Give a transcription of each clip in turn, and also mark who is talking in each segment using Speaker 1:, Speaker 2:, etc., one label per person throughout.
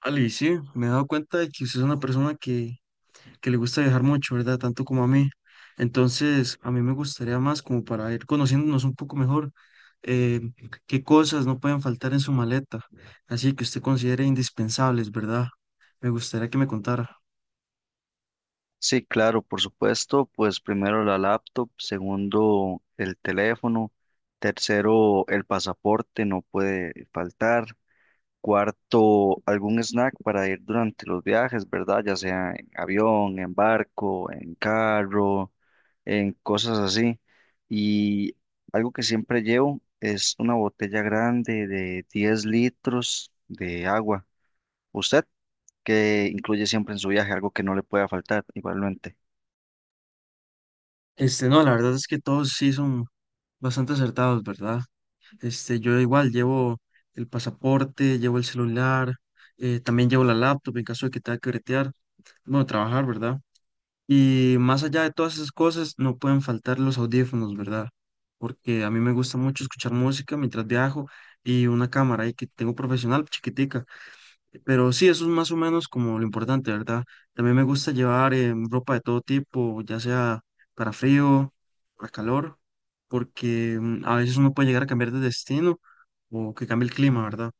Speaker 1: Ali, sí, me he dado cuenta de que usted es una persona que le gusta viajar mucho, ¿verdad? Tanto como a mí. Entonces, a mí me gustaría, más como para ir conociéndonos un poco mejor, eh, qué cosas no pueden faltar en su maleta, así que usted considere indispensables, ¿verdad? Me gustaría que me contara.
Speaker 2: Sí, claro, por supuesto, pues primero la laptop, segundo el teléfono, tercero el pasaporte, no puede faltar, cuarto algún snack para ir durante los viajes, ¿verdad? Ya sea en avión, en barco, en carro, en cosas así. Y algo que siempre llevo es una botella grande de 10 litros de agua. ¿Usted que incluye siempre en su viaje, algo que no le pueda faltar, igualmente?
Speaker 1: Este, no, la verdad es que todos sí son bastante acertados, ¿verdad? Este, yo igual llevo el pasaporte, llevo el celular, también llevo la laptop en caso de que tenga que bretear, bueno, trabajar, ¿verdad? Y más allá de todas esas cosas, no pueden faltar los audífonos, ¿verdad? Porque a mí me gusta mucho escuchar música mientras viajo y una cámara ahí que tengo profesional, chiquitica. Pero sí, eso es más o menos como lo importante, ¿verdad? También me gusta llevar ropa de todo tipo, ya sea para frío, para calor, porque a veces uno puede llegar a cambiar de destino o que cambie el clima, ¿verdad?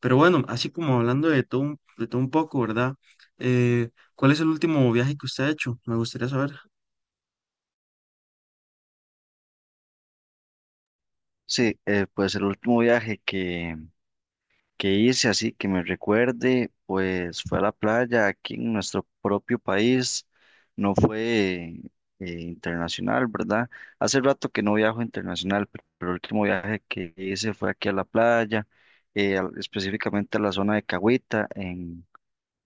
Speaker 1: Pero bueno, así como hablando de todo, de todo un poco, ¿verdad? Eh, ¿Cuál es el último viaje que usted ha hecho? Me gustaría saber.
Speaker 2: Sí, pues el último viaje que hice, así que me recuerde, pues fue a la playa aquí en nuestro propio país, no fue internacional, ¿verdad? Hace rato que no viajo internacional, pero el último viaje que hice fue aquí a la playa, específicamente a la zona de Cahuita, en,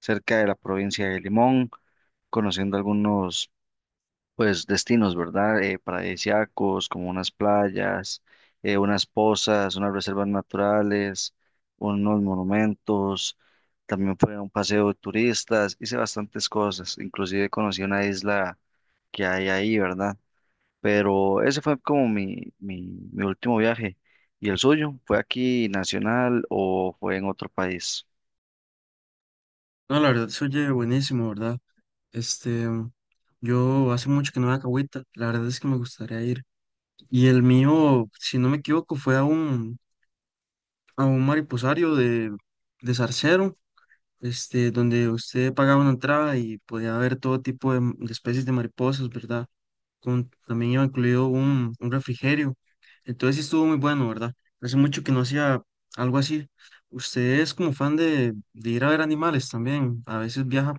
Speaker 2: cerca de la provincia de Limón, conociendo algunos pues destinos, ¿verdad? Paradisíacos, como unas playas, unas pozas, unas reservas naturales, unos monumentos. También fue un paseo de turistas, hice bastantes cosas, inclusive conocí una isla que hay ahí, ¿verdad? Pero ese fue como mi último viaje. ¿Y el suyo? ¿Fue aquí nacional o fue en otro país?
Speaker 1: No, la verdad se oye buenísimo, ¿verdad? Este, yo hace mucho que no voy a Cahuita, la verdad es que me gustaría ir. Y el mío, si no me equivoco, fue a a un mariposario de Zarcero, este, donde usted pagaba una entrada y podía ver todo tipo de, de especies de mariposas, ¿verdad? Con, también iba incluido un refrigerio. Entonces sí estuvo muy bueno, ¿verdad? Hace mucho que no hacía algo así. Usted es como fan de ir a ver animales también. A veces viaja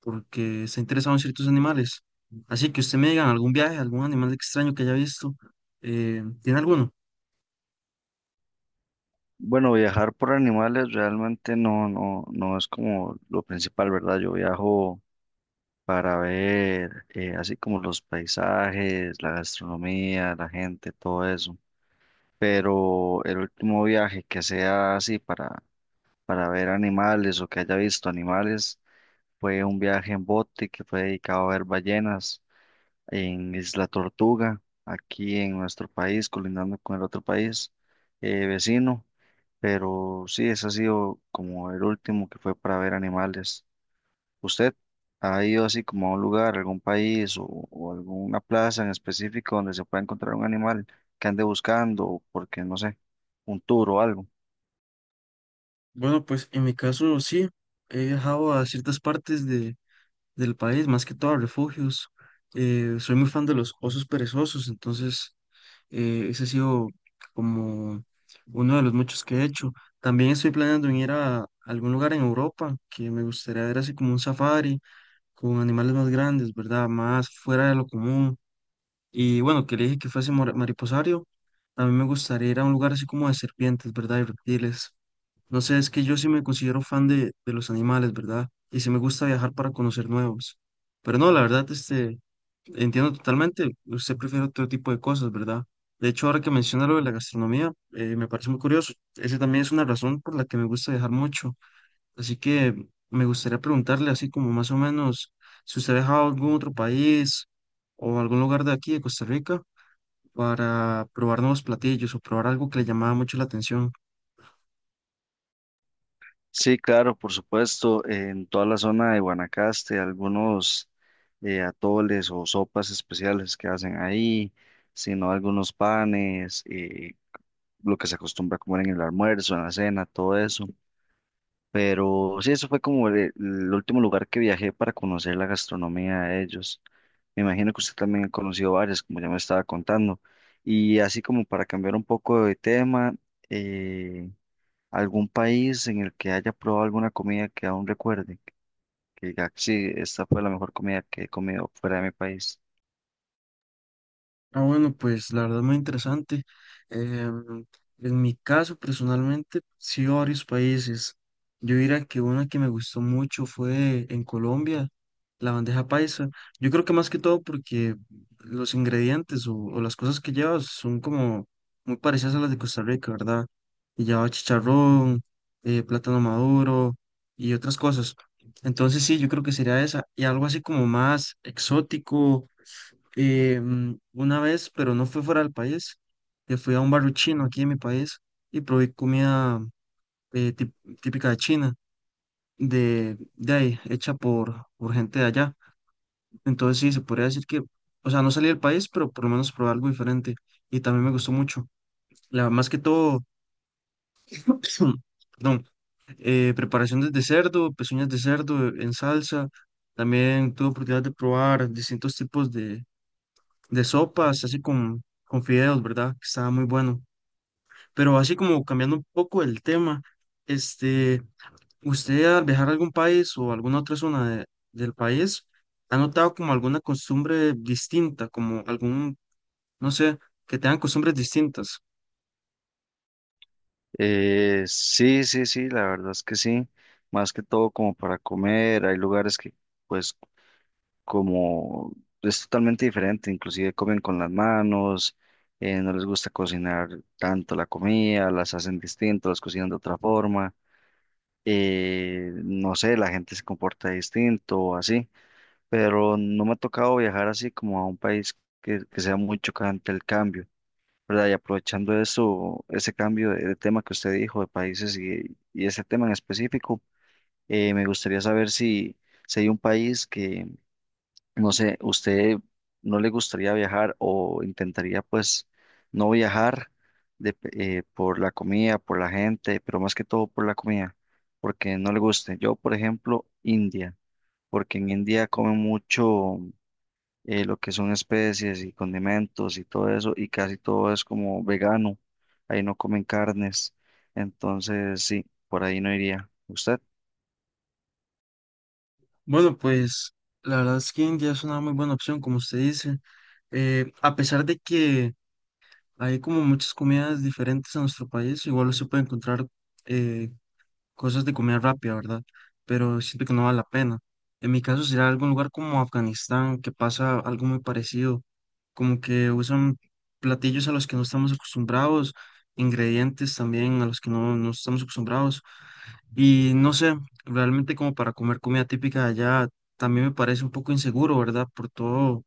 Speaker 1: porque está interesado en ciertos animales. Así que usted me diga algún viaje, algún animal extraño que haya visto. ¿Tiene alguno?
Speaker 2: Bueno, viajar por animales realmente no es como lo principal, ¿verdad? Yo viajo para ver, así como los paisajes, la gastronomía, la gente, todo eso. Pero el último viaje que sea así para ver animales o que haya visto animales fue un viaje en bote que fue dedicado a ver ballenas en Isla Tortuga, aquí en nuestro país, colindando con el otro país vecino. Pero sí, ese ha sido como el último que fue para ver animales. ¿Usted ha ido así como a un lugar, algún país o alguna plaza en específico donde se pueda encontrar un animal que ande buscando, o porque no sé, un tour o algo?
Speaker 1: Bueno, pues en mi caso sí, he viajado a ciertas partes del país, más que todo a refugios. Soy muy fan de los osos perezosos, entonces ese ha sido como uno de los muchos que he hecho. También estoy planeando en ir a algún lugar en Europa, que me gustaría ver así como un safari, con animales más grandes, ¿verdad? Más fuera de lo común. Y bueno, que le dije que fuese mariposario, a mí me gustaría ir a un lugar así como de serpientes, ¿verdad? Y reptiles. No sé, es que yo sí me considero fan de los animales, ¿verdad? Y sí me gusta viajar para conocer nuevos. Pero no, la verdad, este, entiendo totalmente, usted prefiere otro tipo de cosas, ¿verdad? De hecho, ahora que menciona lo de la gastronomía, me parece muy curioso. Esa también es una razón por la que me gusta viajar mucho. Así que me gustaría preguntarle así como más o menos si usted ha viajado a algún otro país o algún lugar de aquí, de Costa Rica, para probar nuevos platillos o probar algo que le llamaba mucho la atención.
Speaker 2: Sí, claro, por supuesto, en toda la zona de Guanacaste, algunos atoles o sopas especiales que hacen ahí, sino algunos panes, lo que se acostumbra a comer en el almuerzo, en la cena, todo eso. Pero sí, eso fue como el último lugar que viajé para conocer la gastronomía de ellos. Me imagino que usted también ha conocido varias, como ya me estaba contando. Y así como para cambiar un poco de tema, eh, ¿algún país en el que haya probado alguna comida que aún recuerde? Que diga, sí, esta fue la mejor comida que he comido fuera de mi país.
Speaker 1: Ah, bueno, pues la verdad muy interesante. Em, en mi caso, personalmente, sí, varios países. Yo diría que una que me gustó mucho fue en Colombia, la bandeja paisa. Yo creo que más que todo porque los ingredientes o las cosas que lleva son como muy parecidas a las de Costa Rica, ¿verdad? Y lleva chicharrón, plátano maduro y otras cosas. Entonces sí, yo creo que sería esa. Y algo así como más exótico una vez, pero no fue fuera del país, que fui a un barrio chino aquí en mi país y probé comida eh, tip- típica de China, de ahí, hecha por gente de allá. Entonces sí, se podría decir que, o sea, no salí del país, pero por lo menos probé algo diferente y también me gustó mucho. La, más que todo, perdón, preparaciones de cerdo, pezuñas de cerdo en salsa. También tuve oportunidad de probar distintos tipos de sopas, así con fideos, ¿verdad? Que estaba muy bueno. Pero así como cambiando un poco el tema, este, ¿usted al viajar a algún país o alguna otra zona del país ha notado como alguna costumbre distinta, como algún, no sé, que tengan costumbres distintas?
Speaker 2: Sí, sí, sí, la verdad es que sí. Más que todo como para comer, hay lugares que pues como es totalmente diferente, inclusive comen con las manos, no les gusta cocinar tanto la comida, las hacen distinto, las cocinan de otra forma, no sé, la gente se comporta distinto o así, pero no me ha tocado viajar así como a un país que sea muy chocante el cambio. ¿Verdad? Y aprovechando eso, ese cambio de tema que usted dijo, de países y ese tema en específico, me gustaría saber si, si hay un país que, no sé, ¿usted no le gustaría viajar o intentaría pues no viajar por la comida, por la gente, pero más que todo por la comida, porque no le guste? Yo, por ejemplo, India, porque en India comen mucho lo que son especies y condimentos y todo eso, y casi todo es como vegano, ahí no comen carnes, entonces sí, por ahí no iría. ¿Usted?
Speaker 1: Bueno, pues la verdad es que India es una muy buena opción, como usted dice. A pesar de que hay como muchas comidas diferentes en nuestro país, igual se puede encontrar cosas de comida rápida, ¿verdad? Pero siento que no vale la pena. En mi caso sería algún lugar como Afganistán, que pasa algo muy parecido, como que usan platillos a los que no estamos acostumbrados, ingredientes también a los que no, no estamos acostumbrados. Y no sé, realmente como para comer comida típica de allá, también me parece un poco inseguro, ¿verdad? Por todo,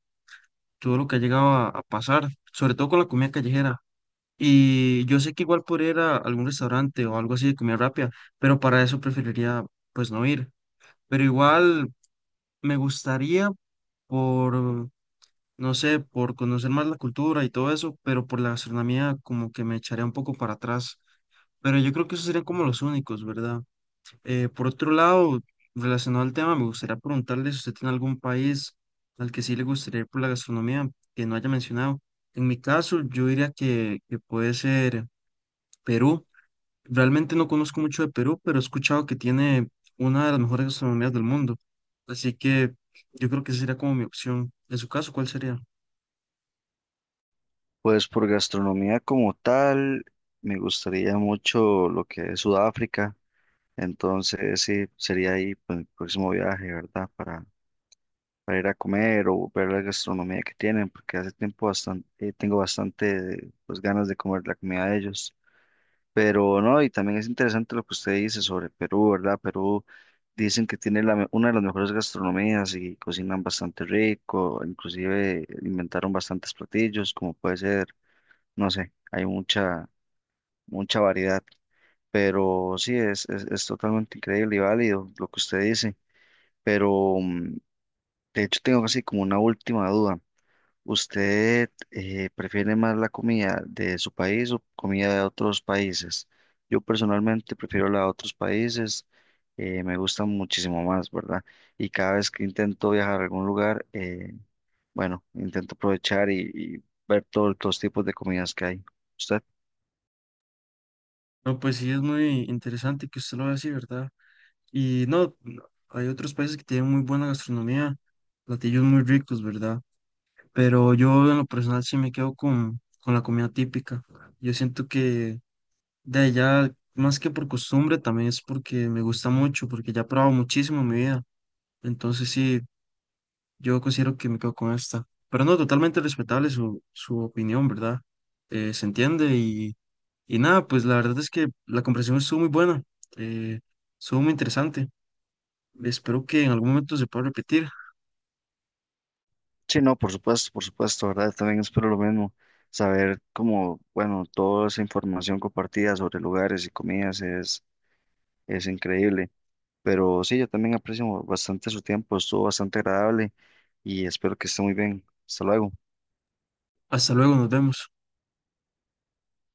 Speaker 1: todo lo que ha llegado a pasar, sobre todo con la comida callejera. Y yo sé que igual podría ir a algún restaurante o algo así de comida rápida, pero para eso preferiría pues no ir. Pero igual me gustaría por, no sé, por conocer más la cultura y todo eso, pero por la gastronomía como que me echaría un poco para atrás. Pero yo creo que esos serían como los únicos, ¿verdad? Por otro lado, relacionado al tema, me gustaría preguntarle si usted tiene algún país al que sí le gustaría ir por la gastronomía que no haya mencionado. En mi caso, yo diría que puede ser Perú. Realmente no conozco mucho de Perú, pero he escuchado que tiene una de las mejores gastronomías del mundo. Así que yo creo que esa sería como mi opción. En su caso, ¿cuál sería?
Speaker 2: Pues por gastronomía como tal, me gustaría mucho lo que es Sudáfrica, entonces sí, sería ahí pues, el próximo viaje, ¿verdad? Para ir a comer o ver la gastronomía que tienen, porque hace tiempo bastante, tengo bastante pues, ganas de comer la comida de ellos. Pero no, y también es interesante lo que usted dice sobre Perú, ¿verdad? Perú dicen que tiene la, una de las mejores gastronomías y cocinan bastante rico, inclusive inventaron bastantes platillos, como puede ser no sé, hay mucha, mucha variedad, pero sí, es totalmente increíble y válido lo que usted dice, pero de hecho tengo así como una última duda. ¿Usted prefiere más la comida de su país o comida de otros países? Yo personalmente prefiero la de otros países, me gusta muchísimo más, ¿verdad? Y cada vez que intento viajar a algún lugar, bueno, intento aprovechar y ver todos los tipos de comidas que hay. ¿Usted?
Speaker 1: No, pues sí, es muy interesante que usted lo vea así, ¿verdad? Y no, no, hay otros países que tienen muy buena gastronomía, platillos muy ricos, ¿verdad? Pero yo en lo personal sí me quedo con la comida típica. Yo siento que de allá, más que por costumbre, también es porque me gusta mucho, porque ya he probado muchísimo en mi vida. Entonces sí. Yo considero que me quedo con esta. Pero no, totalmente respetable su opinión, ¿verdad? Se entiende y nada, pues la verdad es que la conversación estuvo muy buena, eh, estuvo muy interesante. Espero que en algún momento se pueda repetir.
Speaker 2: Sí, no, por supuesto, ¿verdad? También espero lo mismo, saber cómo, bueno, toda esa información compartida sobre lugares y comidas es increíble, pero sí, yo también aprecio bastante su tiempo, estuvo bastante agradable y espero que esté muy bien. Hasta luego.
Speaker 1: Hasta luego, nos vemos.